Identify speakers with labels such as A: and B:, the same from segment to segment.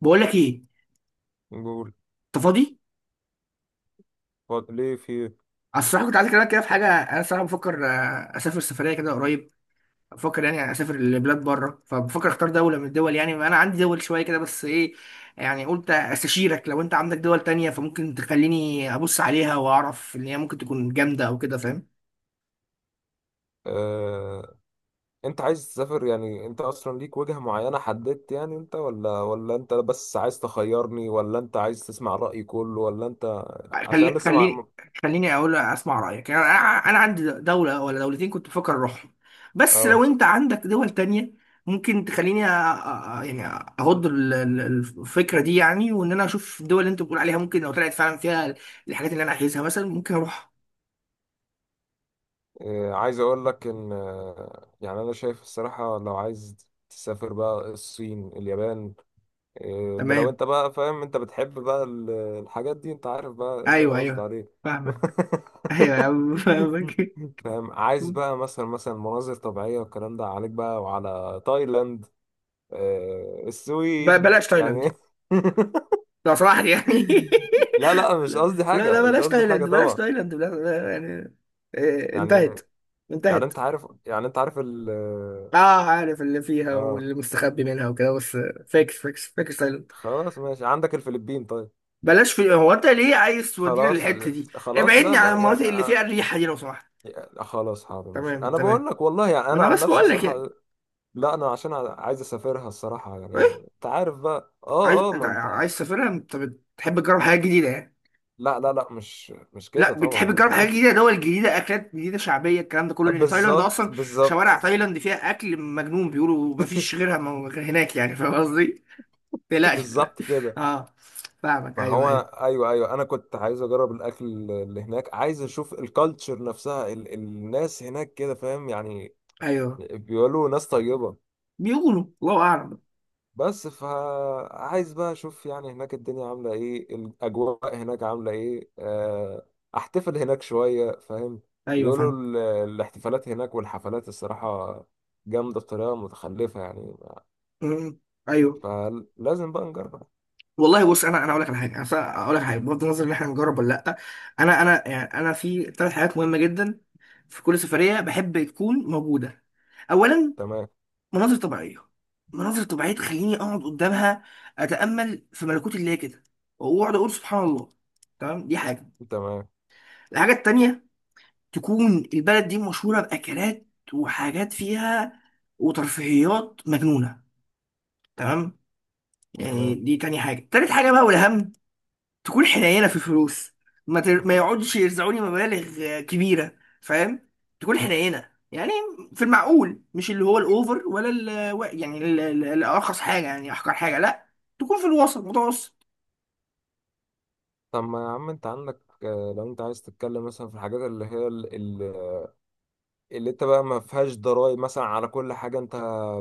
A: بقول لك ايه.
B: نقول.
A: انت فاضي؟
B: ليه في؟
A: انا الصراحه كنت عايز اكلمك كده في حاجه. انا الصراحه بفكر اسافر سفريه كده قريب. بفكر يعني اسافر لبلاد بره، فبفكر اختار دوله من الدول. يعني انا عندي دول شويه كده، بس ايه، يعني قلت استشيرك. لو انت عندك دول تانية فممكن تخليني ابص عليها واعرف ان هي ممكن تكون جامده او كده، فاهم.
B: آه. انت عايز تسافر؟ يعني انت اصلا ليك وجهة معينة حددت؟ يعني انت ولا انت، بس عايز تخيرني، ولا انت عايز تسمع رأيي كله، ولا انت؟ عشان
A: خلي
B: لسه
A: خليني خليني اقول اسمع رايك يعني. انا أنا عندي دوله ولا دولتين كنت بفكر اروحهم، بس لو
B: اه
A: انت عندك دول تانية ممكن تخليني يعني اهض الفكره دي يعني. وان انا اشوف الدول اللي انت بتقول عليها، ممكن لو طلعت فعلا فيها الحاجات اللي انا عايزها مثلا ممكن اروح.
B: عايز اقول لك ان يعني انا شايف الصراحة، لو عايز تسافر بقى الصين، اليابان، إيه، ده لو
A: تمام.
B: انت بقى فاهم. انت بتحب بقى الحاجات دي، انت عارف بقى إيه اللي
A: ايوه
B: انا قصدي
A: ايوه،
B: عليه.
A: فاهمك. ايوه يا عم فاهمك.
B: فاهم، عايز بقى مثلا مثلا مناظر طبيعية والكلام ده، عليك بقى وعلى تايلاند، السويد
A: بلاش تايلاند
B: يعني.
A: دي لو سمحت يعني.
B: لا لا، مش قصدي
A: لا
B: حاجة،
A: لا،
B: مش
A: بلاش
B: قصدي حاجة
A: تايلاند، بلاش
B: طبعا.
A: تايلاند، بلاش. يعني
B: يعني
A: انتهت.
B: يعني انت
A: انتهت.
B: عارف، يعني انت عارف ال
A: اه، عارف اللي فيها
B: اه
A: واللي مستخبي منها وكده بس. فيك فيك فيك سايلنت.
B: خلاص ماشي، عندك الفلبين طيب.
A: بلاش. في هو انت ليه عايز تودينا
B: خلاص
A: للحته دي؟
B: خلاص،
A: ابعدني
B: لا
A: عن
B: لا يعني.
A: المناطق اللي فيها الريحه دي لو سمحت.
B: يعني خلاص حاضر، مش
A: تمام
B: انا
A: تمام.
B: بقول لك والله، يعني انا
A: وانا
B: عن
A: بس
B: نفسي
A: بقول لك يعني.
B: صراحه. لا انا عشان عايز اسافرها الصراحه،
A: ايه،
B: يعني انت عارف بقى. اه
A: انت
B: ما انت.
A: عايز تسافرها؟ انت بتحب تجرب حاجات جديده يعني.
B: لا لا، مش كده
A: لا بتحب
B: طبعا
A: تجرب
B: يعني.
A: حاجات جديده، دول جديده، اكلات جديده شعبيه، الكلام ده كله، لان تايلاند
B: بالظبط
A: اصلا شوارع
B: بالظبط.
A: تايلاند فيها اكل مجنون. بيقولوا مفيش غيرها، غير هناك يعني، فاهم قصدي؟ ما تقلقش لا.
B: بالظبط كده.
A: اه، فاهمك.
B: ما
A: ايوه
B: هو،
A: ايوه.
B: ايوه ايوه، انا كنت عايز اجرب الاكل اللي هناك، عايز اشوف الكالتشر نفسها، الناس هناك كده، فاهم يعني.
A: ايوه.
B: بيقولوا ناس طيبه.
A: بيقولوا الله اعلم.
B: بس فعايز بقى اشوف يعني هناك الدنيا عاملة ايه، الاجواء هناك عاملة ايه، احتفل هناك شوية فاهم.
A: ايوه
B: بيقولوا
A: فاهم.
B: الاحتفالات هناك والحفلات، الصراحة جامدة بطريقة متخلفة يعني.
A: مم. ايوه.
B: فلازم بقى نجرب.
A: والله بص، انا اقول لك على حاجه، انا اقول لك على حاجه بغض النظر ان احنا نجرب ولا لا. انا انا يعني انا في 3 حاجات مهمه جدا في كل سفريه بحب تكون موجوده. اولا
B: تمام
A: مناظر طبيعيه. مناظر طبيعيه تخليني اقعد قدامها، اتامل في ملكوت الله كده، واقعد اقول سبحان الله. تمام، دي حاجه.
B: تمام
A: الحاجه التانيه تكون البلد دي مشهوره باكلات وحاجات فيها وترفيهيات مجنونه. تمام، يعني
B: تمام
A: دي تاني حاجه. تالت حاجه بقى والاهم، تكون حنينه في الفلوس. ما يقعدش يرزعوني مبالغ كبيره، فاهم. تكون حنينه يعني، في المعقول، مش اللي هو الاوفر ولا يعني الارخص حاجه، يعني احقر حاجه، لا. تكون في الوسط، متوسط.
B: طب ما يا عم انت عندك، لو انت عايز تتكلم مثلا في الحاجات اللي هي اللي انت بقى ما فيهاش ضرائب مثلا على كل حاجة انت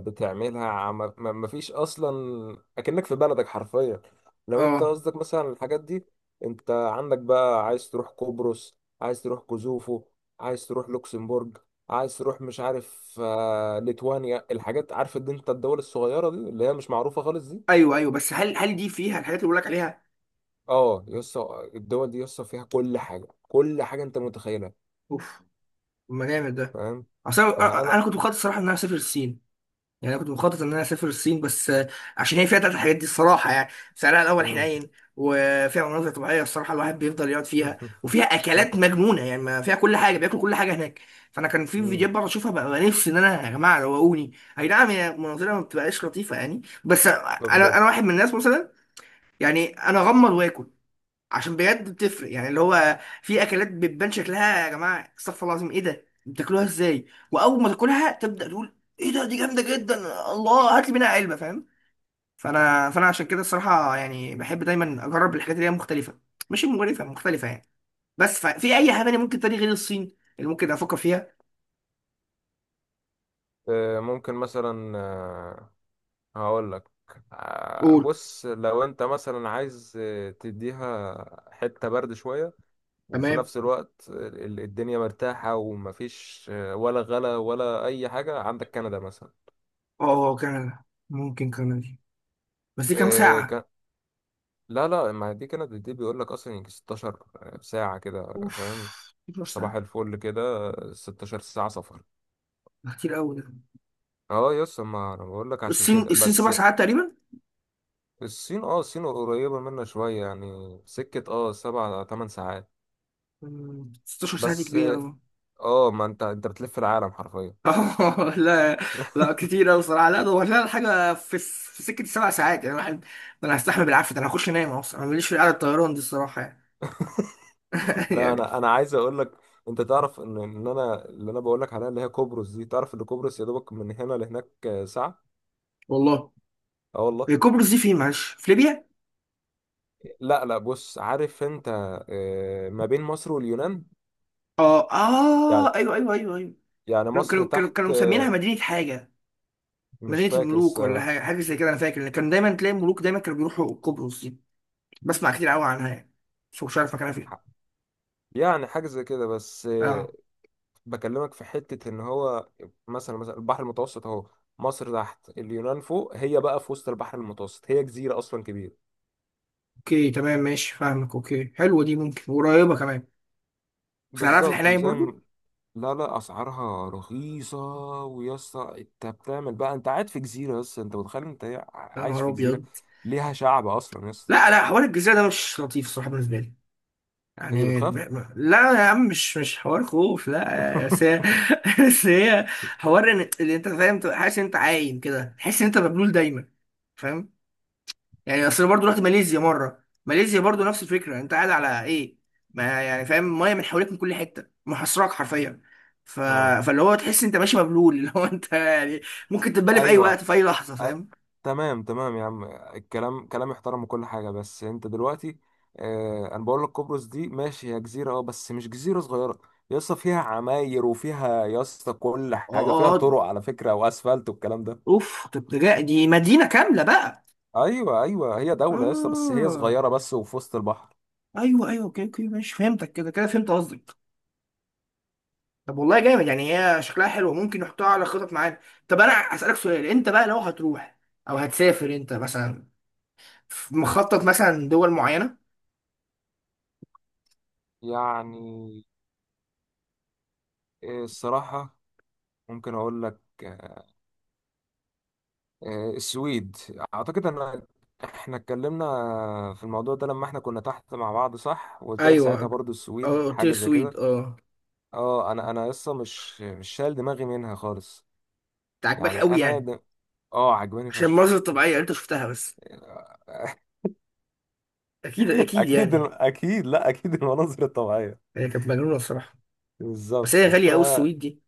B: بتعملها. ما فيش اصلا، اكنك في بلدك حرفيا. لو انت
A: اه،
B: قصدك مثلا الحاجات دي، انت عندك بقى، عايز تروح قبرص، عايز تروح كوزوفو، عايز تروح لوكسمبورج، عايز تروح مش عارف ليتوانيا، الحاجات. عارف ان انت الدول الصغيرة دي اللي هي مش معروفة خالص دي.
A: ايوه ايوه، بس هل دي فيها الحاجات اللي بقول لك عليها؟
B: اه يسطا، الدول دي يسطا فيها كل حاجة، كل حاجة انت متخيلها.
A: اوف، ما جامد ده.
B: فاهم.
A: اصل انا،
B: فانا.
A: أنا كنت مخطط الصراحه ان انا اسافر الصين. يعني انا كنت مخطط ان انا اسافر الصين بس عشان هي فيها 3 الحاجات دي الصراحه يعني. سعرها الاول
B: مم.
A: حنين، وفيها مناظر طبيعيه الصراحه الواحد بيفضل يقعد فيها، وفيها اكلات مجنونه يعني ما فيها كل حاجه، بياكل كل حاجه هناك. فانا كان في
B: مم.
A: فيديوهات بقعد اشوفها، بقى نفسي ان انا، يا جماعه روقوني. اي نعم هي مناظرها ما بتبقاش لطيفه يعني، بس انا
B: بالظبط.
A: انا واحد من الناس مثلا يعني انا اغمض واكل، عشان بجد بتفرق يعني. اللي هو في اكلات بتبان شكلها يا جماعه، استغفر الله العظيم ايه ده، بتاكلوها ازاي؟ واول ما تاكلها تبدا تقول، ايه ده، دي جامده جدا، الله هات لي منها علبه، فاهم. فانا عشان كده الصراحه يعني بحب دايما اجرب الحاجات اللي هي مختلفه، مش مقرفه، مختلفه يعني. بس في اي حاجه تانية ممكن تاني غير الصين اللي ممكن افكر فيها؟
B: ممكن مثلا، هقول لك،
A: قول.
B: بص لو انت مثلا عايز تديها حتة برد شوية، وفي
A: تمام.
B: نفس الوقت الدنيا مرتاحة ومفيش ولا غلا ولا أي حاجة، عندك كندا مثلا.
A: اه، كندا. ممكن كندا دي، بس دي كام
B: آه،
A: ساعه؟
B: ك... لا لا، ما دي كندا دي بيقول لك أصلا يجي 16 ساعة كده،
A: اوف،
B: فاهم.
A: 12
B: صباح
A: ساعه؟
B: الفل كده 16 ساعة سفر.
A: ده كتير قوي ده.
B: اه يس، ما انا بقول لك عشان
A: الصين
B: كده
A: سبع
B: بس.
A: ساعات تقريبا.
B: الصين، اه الصين قريبة منا شوية يعني، سكة اه سبع تمن ساعات
A: 16 ساعه دي
B: بس.
A: كبيره أوي.
B: اه ما انت انت بتلف العالم حرفيا.
A: لا لا كتير قوي صراحه، لا دور لنا حاجه في سكه 7 ساعات، يعني الواحد ده انا هستحمل بالعافيه، ده انا هخش انام اصلا، انا ماليش في قعده الطيران دي الصراحه يعني.
B: لا
A: يعني.
B: انا عايز اقول لك، انت تعرف ان انا، اللي انا بقول لك عليها اللي هي قبرص دي. تعرف ان قبرص يا دوبك من هنا لهناك ساعة.
A: والله،
B: اه والله.
A: قبرص دي فين معلش، في ليبيا؟
B: لا لا، بص عارف انت، ما بين مصر واليونان
A: اه
B: يعني.
A: اه ايوه ايوه ايوه ايوه،
B: يعني
A: كانوا
B: مصر تحت.
A: مسمينها مدينه حاجه،
B: مش
A: مدينه
B: فاكر
A: الملوك ولا
B: الصراحة.
A: حاجه، حاجه زي كده. انا فاكر ان كان دايما تلاقي الملوك دايما كانوا بيروحوا قبرص دي، بسمع كتير قوي عنها يعني، بس مش عارف مكانها فين.
B: يعني حاجة زي كده بس
A: اه،
B: بكلمك في حتة، إن هو مثلا مثلا البحر المتوسط أهو. مصر تحت، اليونان فوق، هي بقى في وسط البحر المتوسط، هي جزيرة أصلا كبيرة.
A: اوكي تمام ماشي، فاهمك. اوكي، حلوه دي، ممكن، وقريبه كمان. بس عارف،
B: بالظبط
A: الحنين
B: وزي
A: برضو.
B: لا لا، أسعارها رخيصة. ويا اسطى أنت بتعمل بقى، أنت قاعد في جزيرة، بس أنت متخيل أنت إيه؟
A: يا
B: عايش
A: نهار
B: في جزيرة
A: ابيض.
B: ليها شعب أصلا يا اسطى.
A: لا لا، حوار الجزيرة ده مش لطيف الصراحة بالنسبة لي.
B: هي
A: يعني
B: بتخاف؟
A: لا يا عم، مش حوار خوف لا، بس هي، بس هي حوار ان اللي انت فاهم، تبقى حاسس ان انت عايم كده، تحس ان انت مبلول دايما، فاهم. يعني اصل أنا برضو رحت ماليزيا مرة، ماليزيا برضو نفس الفكرة. انت قاعد على ايه؟ ما يعني فاهم، ميه من حواليك من كل حتة، محاصراك حرفيا. ف...
B: آه.
A: فاللي هو تحس انت ماشي مبلول، اللي هو انت يعني ممكن تتبلى في اي وقت
B: أيوه.
A: في اي لحظة،
B: أي-
A: فاهم.
B: تمام تمام يا عم، الكلام كلام يحترم وكل حاجة. بس انت دلوقتي آه، انا بقول لك قبرص دي ماشي هي جزيرة، اه بس مش جزيرة صغيرة. يا اسطى فيها عماير، وفيها يا اسطى كل
A: اه.
B: حاجة، فيها
A: آه،
B: طرق على فكرة واسفلت والكلام ده.
A: اوف، طب ده دي مدينة كاملة بقى.
B: ايوه ايوه، هي دولة يا اسطى، بس هي
A: اه
B: صغيرة بس وفي وسط البحر.
A: ايوه ايوه، اوكي اوكي ماشي، فهمتك كده، كده فهمت قصدك. طب والله جامد يعني، هي شكلها حلو، ممكن نحطها على خطط معانا. طب انا اسالك سؤال، انت بقى لو هتروح او هتسافر انت مثلا، مخطط مثلا دول معينه؟
B: يعني الصراحة، ممكن اقول لك السويد. اعتقد ان احنا اتكلمنا في الموضوع ده لما احنا كنا تحت مع بعض، صح، وقلت لك ساعتها
A: ايوه.
B: برضو
A: اه،
B: السويد
A: قلت لي
B: حاجه زي
A: السويد،
B: كده.
A: اه.
B: اه انا لسه مش شايل دماغي منها خالص.
A: انت عاجباك
B: يعني
A: قوي يعني؟
B: اه عجباني
A: عشان المناظر
B: فشخ.
A: الطبيعيه اللي انت شفتها بس، اكيد اكيد
B: اكيد
A: يعني.
B: اكيد، لا اكيد المناظر الطبيعيه.
A: هي كانت مجنونه الصراحه. بس هي
B: بالظبط،
A: غاليه قوي
B: فلا.
A: السويد دي،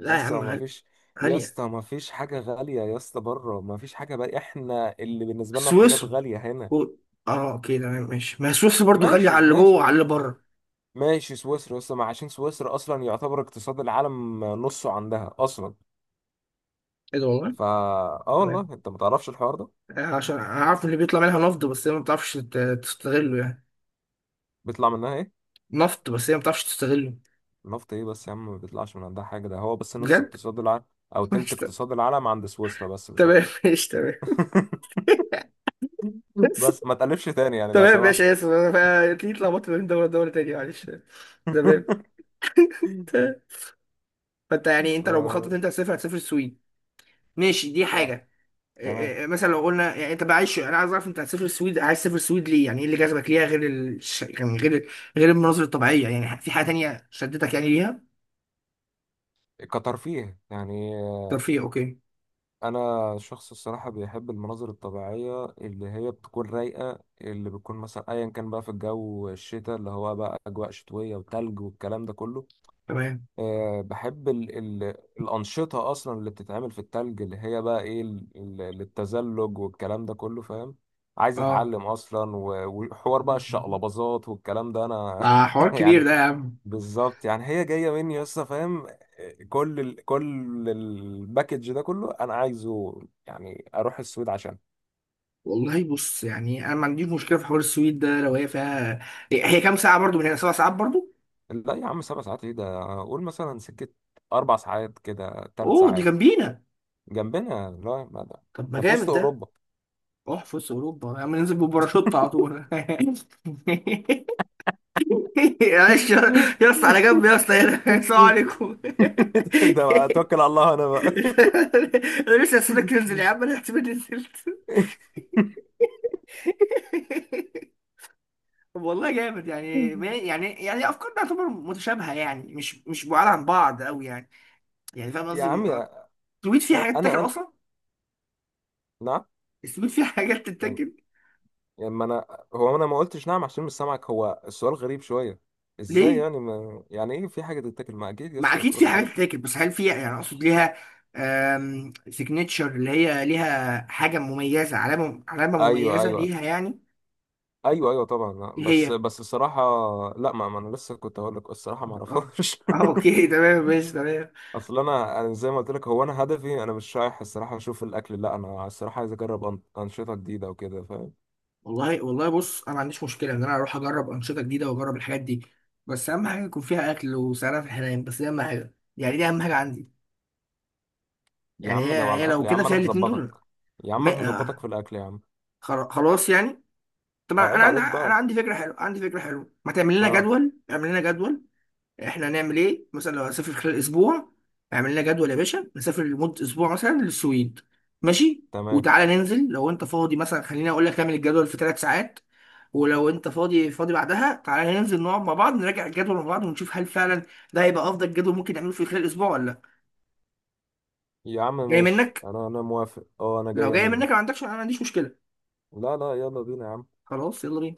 B: يا
A: يا
B: اسطى
A: عم
B: ما
A: غاليه.
B: فيش، يا
A: غاليه
B: اسطى ما فيش حاجه غاليه يا اسطى بره. ما فيش حاجه بقى، احنا اللي بالنسبه لنا الحاجات
A: سويسرا
B: غاليه هنا.
A: و- اه، اوكي تمام ماشي، ما هي سويسرا برضو غاليه
B: ماشي
A: على اللي جوه
B: ماشي.
A: وعلى اللي بره.
B: ماشي، سويسرا اصلا، ما عشان سويسرا اصلا يعتبر اقتصاد العالم نصه عندها اصلا.
A: ايه ده، والله؟
B: فا اه والله،
A: تمام،
B: انت ما تعرفش الحوار ده.
A: عشان عارف اللي بيطلع منها نفط، بس هي ما بتعرفش تستغله يعني.
B: بيطلع منها ايه؟
A: نفط بس هي ما بتعرفش تستغله.
B: نفط ايه بس يا عم؟ ما بيطلعش من عندها حاجه، ده هو بس نص
A: بجد؟
B: اقتصاد العالم او تلت
A: ماشي،
B: اقتصاد العالم عند سويسرا، بس مش
A: تمام
B: اكتر.
A: ماشي، تمام.
B: بس ما تقلبش تاني يعني لو
A: تمام
B: سمحت.
A: ماشي، اسف انا، تلاقيني اتلخبطت ما بين دوله لدوله تانية، معلش. تمام. فانت يعني،
B: ف،
A: انت لو بخطط انت هتسافر، هتسافر السويد، ماشي، دي
B: يعني،
A: حاجه. إيه-
B: تمام.
A: إيه، مثلا لو قلنا يعني انت بقى عايش، انا عايز اعرف انت هتسافر السويد. عايز تسافر السويد ليه؟ يعني ايه اللي جذبك ليها، غير يعني غير، غير المناظر الطبيعيه يعني؟ في حاجه تانية شدتك يعني ليها؟
B: كترفيه يعني.
A: ترفيه، اوكي.
B: انا شخص الصراحه بيحب المناظر الطبيعيه اللي هي بتكون رايقه، اللي بتكون مثلا ايا كان بقى في الجو الشتاء، اللي هو بقى اجواء شتويه وتلج والكلام ده كله.
A: تمام.
B: أه بحب ال ال الانشطه اصلا اللي بتتعمل في التلج، اللي هي بقى ايه، للتزلج والكلام ده كله فاهم. عايز
A: اه،
B: اتعلم اصلا، وحوار بقى
A: ده
B: الشقلباظات والكلام ده انا.
A: حوار كبير
B: يعني
A: ده يا عم.
B: بالظبط يعني، هي جايه مني لسه فاهم. كل الباكج ده كله انا عايزه يعني، اروح السويد عشان.
A: والله بص يعني، انا ما عنديش مشكله في حوار السويد ده لو هي فيها. هي كام ساعه برضو من هنا؟ 7 ساعات برضو؟
B: لا يا عم، سبع ساعات ايه ده، قول مثلا سكت، اربع ساعات كده، ثلاث
A: اوه، دي
B: ساعات.
A: جنبينا.
B: جنبنا لا ما ده،
A: طب ما
B: ده في وسط
A: جامد ده.
B: اوروبا.
A: روح في وسط اوروبا يا عم، ننزل بباراشوت على طول. معلش يا، يا اسطى على جنب، يا اسطى هنا. السلام عليكم.
B: ده بقى اتوكل على الله انا بقى.
A: انا لسه هسيبك تنزل يا عم، انا احتمال نزلت. طب والله جامد يعني، يعني افكارنا تعتبر متشابهه يعني، مش بعاد عن بعض قوي يعني. يعني فاهم
B: يا
A: قصدي؟
B: عم يا
A: السويد فيه حاجات تتاكل
B: انا انا
A: اصلا؟
B: نعم.
A: السويد فيه حاجات
B: يعني،
A: تتاكل؟
B: يعني ما انا، هو انا ما قلتش نعم عشان مش سامعك. هو السؤال غريب شويه، ازاي
A: ليه؟
B: يعني، ما يعني ايه في حاجه تتاكل؟ ما اكيد
A: ما
B: يس
A: اكيد فيه
B: كل حاجه.
A: حاجات تتاكل، بس هل فيها، يعني اقصد، ليها سيجنتشر اللي هي ليها حاجه مميزه، علامه،
B: ايوه
A: مميزه
B: ايوه
A: ليها يعني.
B: ايوه ايوه طبعا لا.
A: ايه
B: بس
A: هي؟
B: بس الصراحه، لا ما انا لسه كنت هقول لك الصراحه ما
A: اه
B: اعرفهاش.
A: اه، اوكي تمام ماشي، تمام.
B: اصل انا زي ما قلت لك، هو انا هدفي انا مش رايح الصراحه اشوف الاكل، لا انا الصراحه عايز اجرب انشطه جديده وكده فاهم.
A: والله والله بص، انا ما عنديش مشكله ان انا اروح اجرب انشطه جديده واجرب الحاجات دي، بس اهم حاجه يكون فيها اكل وسعرها في الحنان. بس دي اهم حاجه يعني، دي اهم حاجه عندي.
B: يا
A: يعني
B: عم لو على
A: هي لو
B: الاكل يا
A: كده
B: عم
A: فيها
B: انا
A: الاتنين دول،
B: هظبطك، يا عم انا
A: ما،
B: هظبطك
A: آه،
B: في الاكل يا عم.
A: خلاص يعني. طب
B: عيب عليك
A: انا
B: بقى.
A: عندي فكره حلوه، عندي فكره حلوه. ما تعمل لنا
B: اه،
A: جدول، اعمل لنا جدول. احنا هنعمل ايه مثلا لو هنسافر خلال اسبوع؟ اعمل لنا جدول يا باشا، نسافر لمده اسبوع مثلا للسويد. ماشي.
B: تمام
A: وتعالى ننزل لو انت فاضي مثلا، خليني اقول لك، اعمل الجدول في 3 ساعات، ولو انت فاضي فاضي بعدها، تعالى ننزل نقعد مع بعض نراجع الجدول مع بعض ونشوف هل فعلا ده هيبقى افضل جدول ممكن نعمله في خلال اسبوع ولا لا.
B: يا عم
A: جاي
B: ماشي،
A: منك؟
B: انا موافق. اه، انا
A: لو
B: جايه
A: جاي
B: مني.
A: منك ما عندكش، انا ما عنديش مشكله.
B: لا لا يلا بينا يا عم.
A: خلاص، يلا بينا.